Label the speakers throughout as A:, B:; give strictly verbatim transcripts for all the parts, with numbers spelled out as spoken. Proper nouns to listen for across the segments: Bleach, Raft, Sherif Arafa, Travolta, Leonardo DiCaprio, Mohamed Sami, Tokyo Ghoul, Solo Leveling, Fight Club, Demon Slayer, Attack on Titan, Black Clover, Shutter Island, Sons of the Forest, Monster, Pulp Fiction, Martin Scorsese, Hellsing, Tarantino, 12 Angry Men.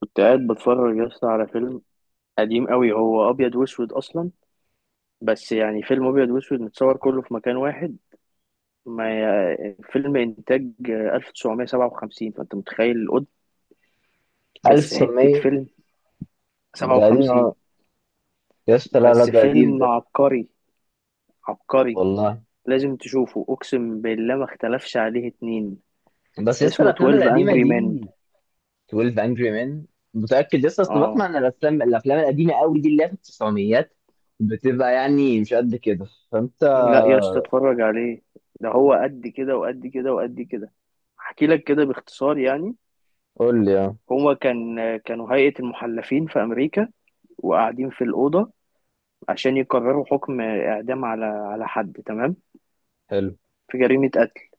A: كنت قاعد بتفرج يا اسطى على فيلم قديم قوي، هو ابيض واسود اصلا. بس يعني فيلم ابيض واسود متصور كله في مكان واحد. ما ي- فيلم انتاج ألف وتسعمية وسبعة وخمسين، فانت متخيل القد. بس حتة
B: ألف وتسعمية؟
A: فيلم.
B: ده قديم،
A: سبعة وخمسين.
B: اه يا اسطى. لا لا،
A: بس
B: ده قديم
A: فيلم
B: ده.
A: عبقري، عبقري.
B: والله.
A: لازم تشوفه، اقسم بالله ما اختلفش عليه اتنين.
B: بس يا اسطى
A: اسمه
B: الافلام القديمه
A: تويلف انجري مان Angry
B: دي،
A: Men.
B: اتناشر انجري مان؟ متاكد يا اسطى؟ اصل بسمع
A: اه.
B: ان الافلام الافلام القديمه قوي دي اللي هي في التسعميات بتبقى يعني مش قد كده، فانت...
A: لا يا اسطى، اتفرج عليه. ده هو قد كده وقد كده وقد كده. احكي لك كده باختصار يعني.
B: قول لي اه.
A: هو كان كانوا هيئة المحلفين في أمريكا، وقاعدين في الأوضة عشان يقرروا حكم إعدام على على حد، تمام،
B: حلو.
A: في جريمة قتل.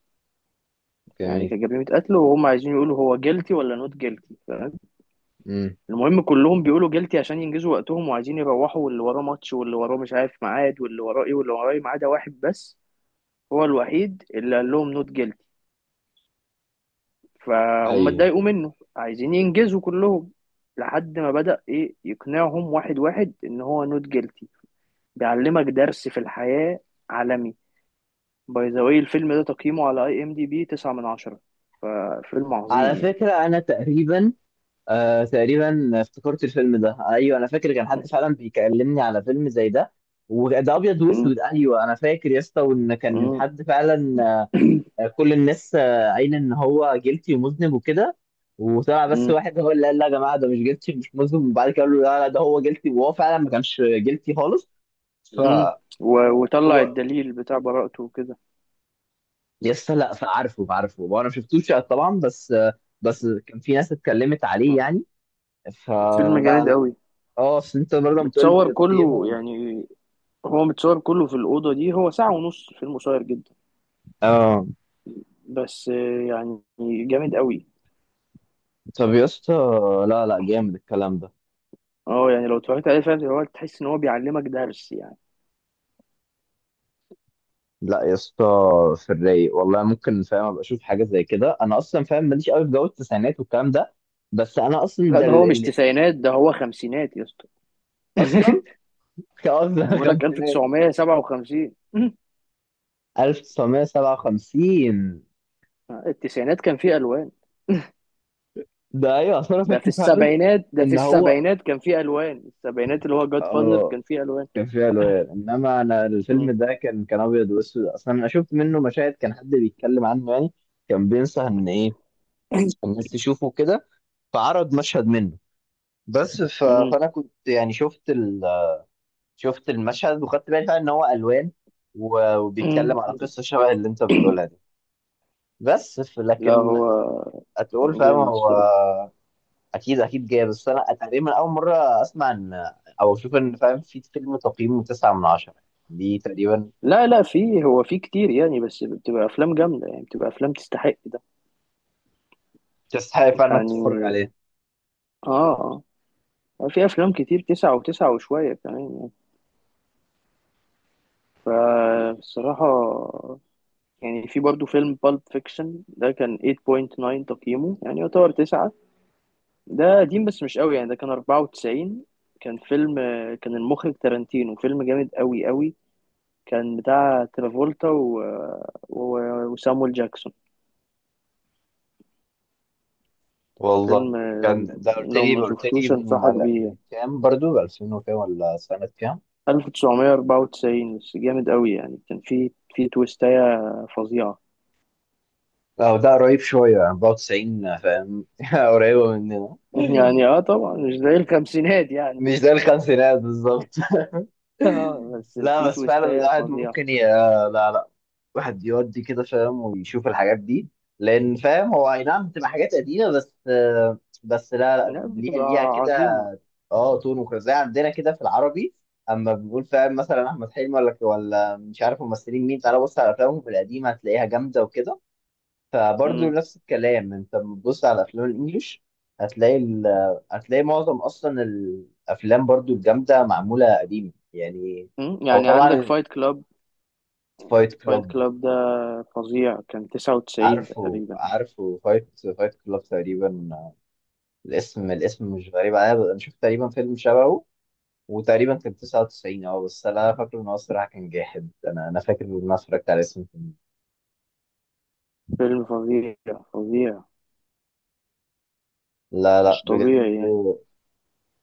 A: يعني
B: جميل.
A: كجريمة قتل، وهم عايزين يقولوا هو جيلتي ولا نوت جيلتي، تمام.
B: امم.
A: المهم كلهم بيقولوا جيلتي عشان ينجزوا وقتهم وعايزين يروحوا، واللي وراه ماتش واللي وراه مش عارف ميعاد واللي وراه إيه واللي وراه إيه، ما عدا واحد بس. هو الوحيد اللي قال لهم نوت جيلتي، فهم
B: ايوه.
A: اتضايقوا منه، عايزين ينجزوا كلهم، لحد ما بدأ إيه يقنعهم واحد واحد إن هو نوت جيلتي. بيعلمك درس في الحياة عالمي. باي ذا واي، الفيلم ده تقييمه على اي ام دي بي تسعة من عشرة، ففيلم
B: على
A: عظيم يعني.
B: فكره انا تقريبا، آه تقريبا افتكرت الفيلم ده، ايوه انا فاكر كان حد فعلا بيكلمني على فيلم زي ده. وده ابيض
A: مم.
B: واسود، ايوه انا فاكر يا اسطى وان كان
A: مم.
B: حد فعلا. آه، كل الناس آه، قايله ان هو جيلتي ومذنب وكده، وطلع بس
A: مم.
B: واحد هو اللي قال لا يا جماعه، ده مش جيلتي مش مذنب، وبعد كده قالوا لا لا ده هو جيلتي، وهو فعلا ما كانش جيلتي خالص. ف
A: مم. و- وطلع
B: هو
A: الدليل بتاع براءته وكده.
B: يس، لا فعارفه عارفه وانا ما شفتوش طبعا، بس آه، بس كان في ناس اتكلمت عليه يعني.
A: فيلم
B: فلا
A: جامد
B: لا.
A: قوي.
B: اه اصل انت برضه بتقول
A: متصور
B: لي
A: كله
B: تقييمه.
A: يعني، هو متصور كله في الأوضة دي، هو ساعة ونص، فيلم قصير جدا،
B: اه.
A: بس آه، يعني، جامد قوي.
B: طب يا اسطى، لا لا جامد الكلام ده.
A: اه يعني لو اتفرجت عليه فعلا هو تحس ان هو بيعلمك درس يعني.
B: لا يا اسطى، في الرايق والله ممكن فاهم ابقى اشوف حاجه زي كده، انا اصلا فاهم ماليش قوي في جو التسعينات والكلام ده. بس انا اصلا
A: لا
B: ده
A: ده
B: ال...
A: هو مش
B: ال...
A: تسعينات، ده هو خمسينات يا اسطى.
B: اصلا قصدي
A: بقول لك
B: الخمسينات.
A: ألف وتسعمية وسبعة وخمسين.
B: ألف وتسعمية وسبعة وخمسين.
A: التسعينات كان فيه الوان.
B: ده ايوه اصلا انا
A: ده في
B: فاكر فعلا
A: السبعينات، ده في
B: ان هو
A: السبعينات كان فيه الوان. السبعينات اللي هو جاد فازر
B: اه
A: كان فيه الوان.
B: كان فيه الوان، انما انا
A: مم.
B: الفيلم ده كان كان ابيض واسود اصلا، انا شفت منه مشاهد كان حد بيتكلم عنه يعني، كان بينصح ان ايه الناس تشوفه كده، فعرض مشهد منه. بس ف...
A: مم.
B: فانا كنت يعني شفت ال... شفت المشهد وخدت بالي فعلا ان هو الوان، و-
A: مم.
B: وبيتكلم على قصه شبه اللي انت بتقولها دي. بس ف-
A: لا
B: لكن
A: هو
B: هتقول فاهم
A: جامد
B: هو.
A: الصراحه.
B: اكيد اكيد جاي، بس انا تقريبا اول مره اسمع ان، او اشوف ان فاهم في فيلم تقييمه تسعة من عشرة دي تقريبا.
A: لا لا فيه، هو فيه كتير يعني، بس بتبقى افلام جامده يعني، بتبقى افلام تستحق ده
B: تستحق فعلا انك تتفرج
A: يعني.
B: عليه.
A: اه. اه في افلام كتير تسعة وتسعة وشويه كمان يعني. فالصراحه يعني، في برضو فيلم بالب فيكشن ده كان ثمانية فاصلة تسعة تقييمه، يعني يعتبر تسعة. ده قديم بس مش قوي يعني، ده كان أربعة وتسعين. كان فيلم، آه، كان المخرج تارانتينو، فيلم جامد قوي قوي. كان بتاع ترافولتا و... و... وسامويل جاكسون.
B: والله
A: فيلم، آه، لو
B: كان ده، قلت
A: لو
B: لي
A: ما
B: قلت لي
A: شفتوش
B: من
A: انصحك بيه
B: من
A: يعني.
B: كام؟ برضو ألفين وكام ولا سنه كام؟
A: ألف وتسعمية وأربعة وتسعين، بس جامد قوي يعني، كان في في تويستاية فظيعة.
B: اه ده قريب شويه يعني أربعة وتسعين، فاهم؟ قريبه مننا.
A: يعني اه طبعا مش زي الخمسينات يعني.
B: مش ده الخمسينات بالظبط.
A: اه بس
B: لا،
A: في
B: بس فعلا
A: تويستاية
B: الواحد
A: فظيعة.
B: ممكن ي... لا لا، واحد يودي كده فاهم ويشوف الحاجات دي، لان فاهم هو اي نعم بتبقى حاجات قديمه، بس بس لا لا
A: لا
B: ليها
A: بتبقى
B: ليها كده.
A: عظيمة.
B: اه تون وكده زي عندنا كده في العربي، اما بنقول فاهم مثلا احمد حلمي ولا ولا مش عارف ممثلين مين، تعالى بص على افلامهم القديمه هتلاقيها جامده وكده. فبرضه
A: مم.
B: نفس الكلام انت لما تبص على افلام الانجليش، هتلاقي ال... هتلاقي معظم اصلا الافلام برضه الجامده معموله قديم يعني.
A: مم.
B: او
A: يعني عندك
B: طبعا.
A: فايت كلاب.
B: فايت
A: فايت
B: كلاب.
A: كلاب ده فظيع، كان تسعة وتسعين
B: عارفه
A: تقريبا.
B: عارفه، فايت فايت كلاب تقريبا، الاسم الاسم مش غريب عليا، انا شفت تقريبا فيلم شبهه، وتقريبا كان تسعه وتسعين. اه بس انا فاكر ان هو الصراحه كان جاحد، انا انا فاكر ان انا اتفرجت على اسم الفيلم.
A: فيلم فظيع، فظيع،
B: لا لا
A: مش
B: بجد.
A: طبيعي يعني.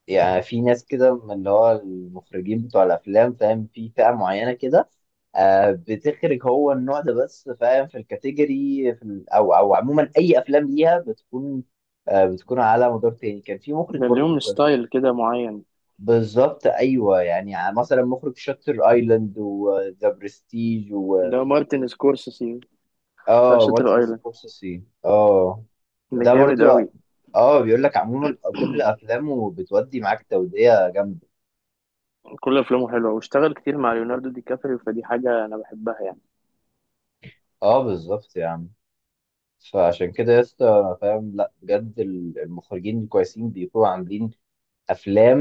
B: يعني في ناس كده من اللي هو المخرجين بتوع الافلام فاهم، في فئه معينه كده، آه بتخرج هو النوع ده، بس فاهم في الكاتيجوري في ال- او او عموما اي افلام ليها بتكون، آه بتكون على مدار تاني كان في مخرج
A: ده
B: برضه.
A: ليهم ستايل كده معين.
B: بالظبط ايوه. يعني ع- مثلا مخرج شاتر ايلاند وذا برستيج و...
A: ده مارتن سكورسيزي، بتاع
B: اه،
A: شاتر
B: مارتن
A: ايلاند،
B: سكورسيزي اه.
A: ده
B: ده
A: جامد
B: برضو.
A: قوي.
B: اه، بيقول لك عموما كل افلامه بتودي معاك، توديه جامده.
A: كل افلامه حلوه، واشتغل كتير مع ليوناردو دي كابريو، فدي حاجه انا بحبها يعني.
B: اه بالظبط يا عم. فعشان كده يا اسطى انا فاهم لا بجد ال- المخرجين الكويسين بيكونوا عاملين افلام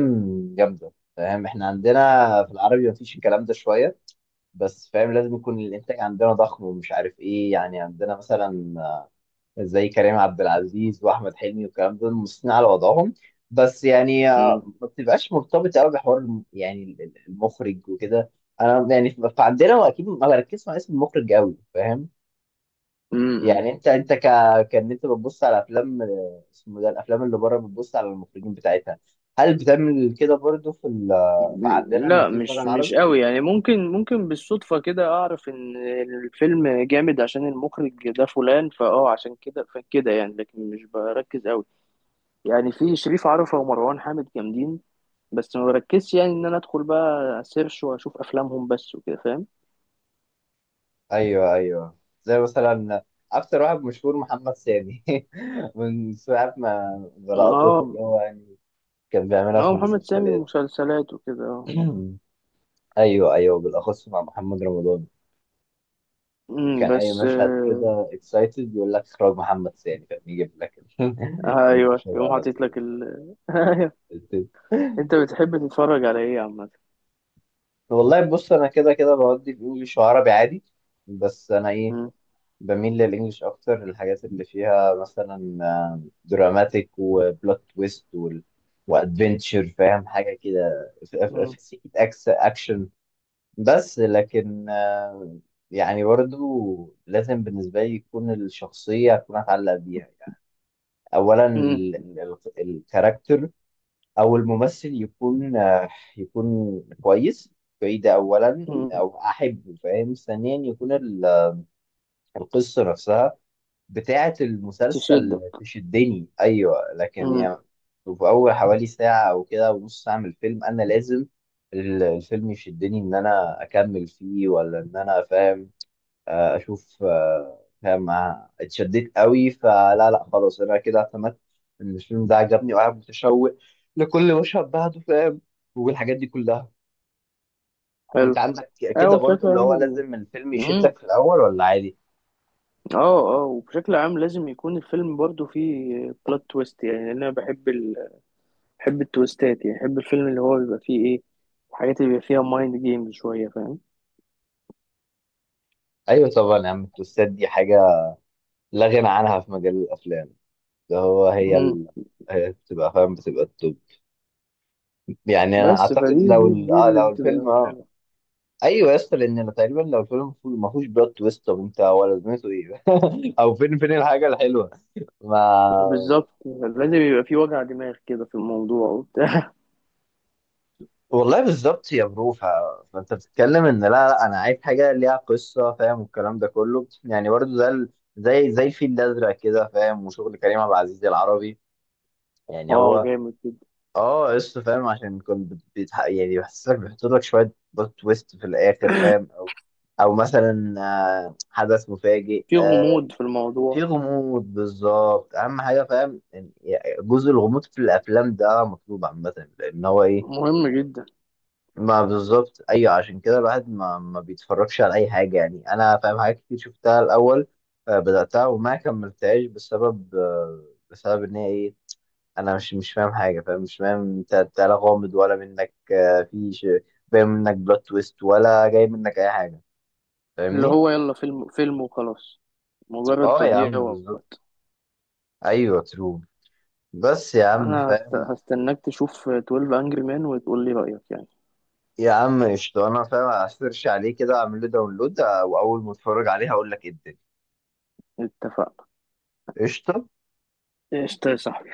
B: جامده فاهم. احنا عندنا في العربي مفيش الكلام ده شويه، بس فاهم لازم يكون الانتاج عندنا ضخم ومش عارف ايه، يعني عندنا مثلا زي كريم عبد العزيز واحمد حلمي والكلام دول مصرين على وضعهم، بس يعني آه، ما بتبقاش مرتبطه قوي بحوار الم- يعني ال- ال- المخرج وكده. انا يعني ف- فعندنا واكيد ما بركزش مع اسم المخرج قوي فاهم.
A: امم.
B: يعني انت انت ك... كان انت بتبص على افلام، اسمه ده الافلام اللي بره بتبص على المخرجين بتاعتها، هل بتعمل كده برضو في ال... في عندنا لما
A: لا
B: بتيجي تتفرج على
A: مش مش
B: العربي؟
A: قوي يعني، ممكن ممكن بالصدفة كده أعرف إن الفيلم جامد عشان المخرج ده فلان، فأه عشان كده فكده يعني، لكن مش بركز قوي يعني. في شريف عرفة ومروان حامد جامدين، بس ما بركزش يعني إن أنا أدخل بقى سيرش وأشوف أفلامهم بس وكده، فاهم.
B: ايوه ايوه. زي مثلا اكتر واحد مشهور محمد سامي من ساعه ما بلقطته
A: أه.
B: اللي هو يعني كان بيعملها في
A: أه، محمد سامي
B: المسلسلات.
A: مسلسلات وكده، أه.
B: ايوه ايوه، بالاخص مع محمد رمضان،
A: أمم،
B: كان اي
A: بس
B: مشهد كده اكسايتد يقول لك اخراج محمد سامي، كان يجيب لك
A: آه، أيوه،
B: المشهد
A: يقوم
B: على
A: حاطط لك ال. أيوه.
B: طول.
A: أنت بتحب تتفرج على إيه عامة؟
B: والله بص انا كده كده بودي في انجليش وعربي عادي، بس انا ايه،
A: أمم.
B: بميل للانجليش اكتر، الحاجات اللي فيها مثلا آه، دراماتيك وبلوت تويست وال... وادفنتشر فاهم، حاجه كده في في-
A: أمم.
B: في سكه أكس اكشن. بس لكن آه، يعني برضو لازم بالنسبه لي يكون الشخصيه اكون اتعلق بيها يعني، اولا
A: أمم.
B: الكاركتر او الممثل يكون آه، يكون كويس. كويس ده اولا،
A: أمم.
B: او احبه فاهم. ثانيا يكون ال- القصه نفسها بتاعه
A: تشد.
B: المسلسل تشدني، ايوه لكن
A: امم.
B: يعني، في اول حوالي ساعه او كده ونص ساعه من الفيلم انا لازم ال- الفيلم يشدني ان انا اكمل فيه، ولا ان انا فاهم آه، اشوف آه، فاهم آه، اتشددت قوي، فلا لا خلاص انا كده اعتمدت ان الفيلم ده عجبني وقاعد متشوق لكل مشهد بعده فاهم، والحاجات دي كلها.
A: حلو.
B: انت عندك
A: اه
B: كده برضو
A: وبشكل
B: اللي
A: عام
B: هو
A: ال...
B: لازم الفيلم
A: امم.
B: يشدك في الاول ولا عادي؟
A: اه. اه وبشكل عام لازم يكون الفيلم برضو فيه بلوت تويست يعني، لأن انا بحب ال... بحب التويستات، يعني بحب الفيلم اللي هو بيبقى فيه ايه، الحاجات اللي بيبقى فيها مايند جيمز شوية، فاهم.
B: ايوه طبعا يا عم، التوستات دي حاجه لا غنى عنها في مجال الافلام. ده هو هي
A: امم.
B: ال... هي بتبقى فاهم بتبقى التوب. يعني انا
A: بس
B: اعتقد
A: فدي،
B: لو
A: دي
B: ال...
A: دي
B: آه
A: اللي
B: لو الفيلم
A: بتبقى
B: اه...
A: حلوة.
B: ايوه يا اسطى، لان أنا تقريبا لو الفيلم مفهو- ما فيهوش بلوت تويست، طب انت هو لازمته ايه؟ او فين، فين الحاجه الحلوه؟ ما
A: بالظبط، لازم يبقى فيه وجع دماغ كده في الموضوع وبتاع.
B: والله بالظبط يا برو. ف- فانت بتتكلم ان لا لا انا عايز حاجه ليها قصه فاهم والكلام ده كله، يعني برضو زي ال- زي زي الفيل الازرق كده فاهم وشغل كريم عبد العزيز العربي يعني
A: اه
B: هو.
A: جامد جدا.
B: اه، قصه فاهم، عشان كنت بت- بيتح... يعني بيحسسك بيحط لك شويه بلوت تويست في الاخر فاهم، او او مثلا آه، حدث مفاجئ
A: في
B: آه،
A: غموض في
B: في
A: الموضوع.
B: غموض. بالظبط، اهم حاجه فاهم إن- يعني جزء الغموض في الافلام ده مطلوب عامه، لان هو ايه.
A: مهم جدا.
B: ما بالظبط ايوه، عشان كده الواحد ما ما بيتفرجش على اي حاجه، يعني انا فاهم حاجات كتير شفتها الاول آه، بداتها وما كملتهاش بسبب آه، بسبب ان هي ايه، انا مش مش فاهم حاجه فاهم، مش فاهم انت، أنت لا غامض ولا منك آه، في ش- باين منك بلوت تويست، ولا جاي منك اي حاجه،
A: اللي
B: فاهمني.
A: هو يلا فيلم فيلم وخلاص، مجرد
B: اه يا
A: تضييع
B: عم بالظبط.
A: وقت.
B: ايوه ترو. بس يا عم
A: انا هست-
B: فاهم.
A: هستناك تشوف تويلف انجري مان وتقول لي رأيك يعني.
B: يا عم قشطة، أنا فاهم هسيرش عليه كده أعمل له داونلود آه، وأول ما أتفرج عليه هقول لك إيه الدنيا.
A: اتفقنا.
B: قشطة.
A: قشطة يا صاحبي.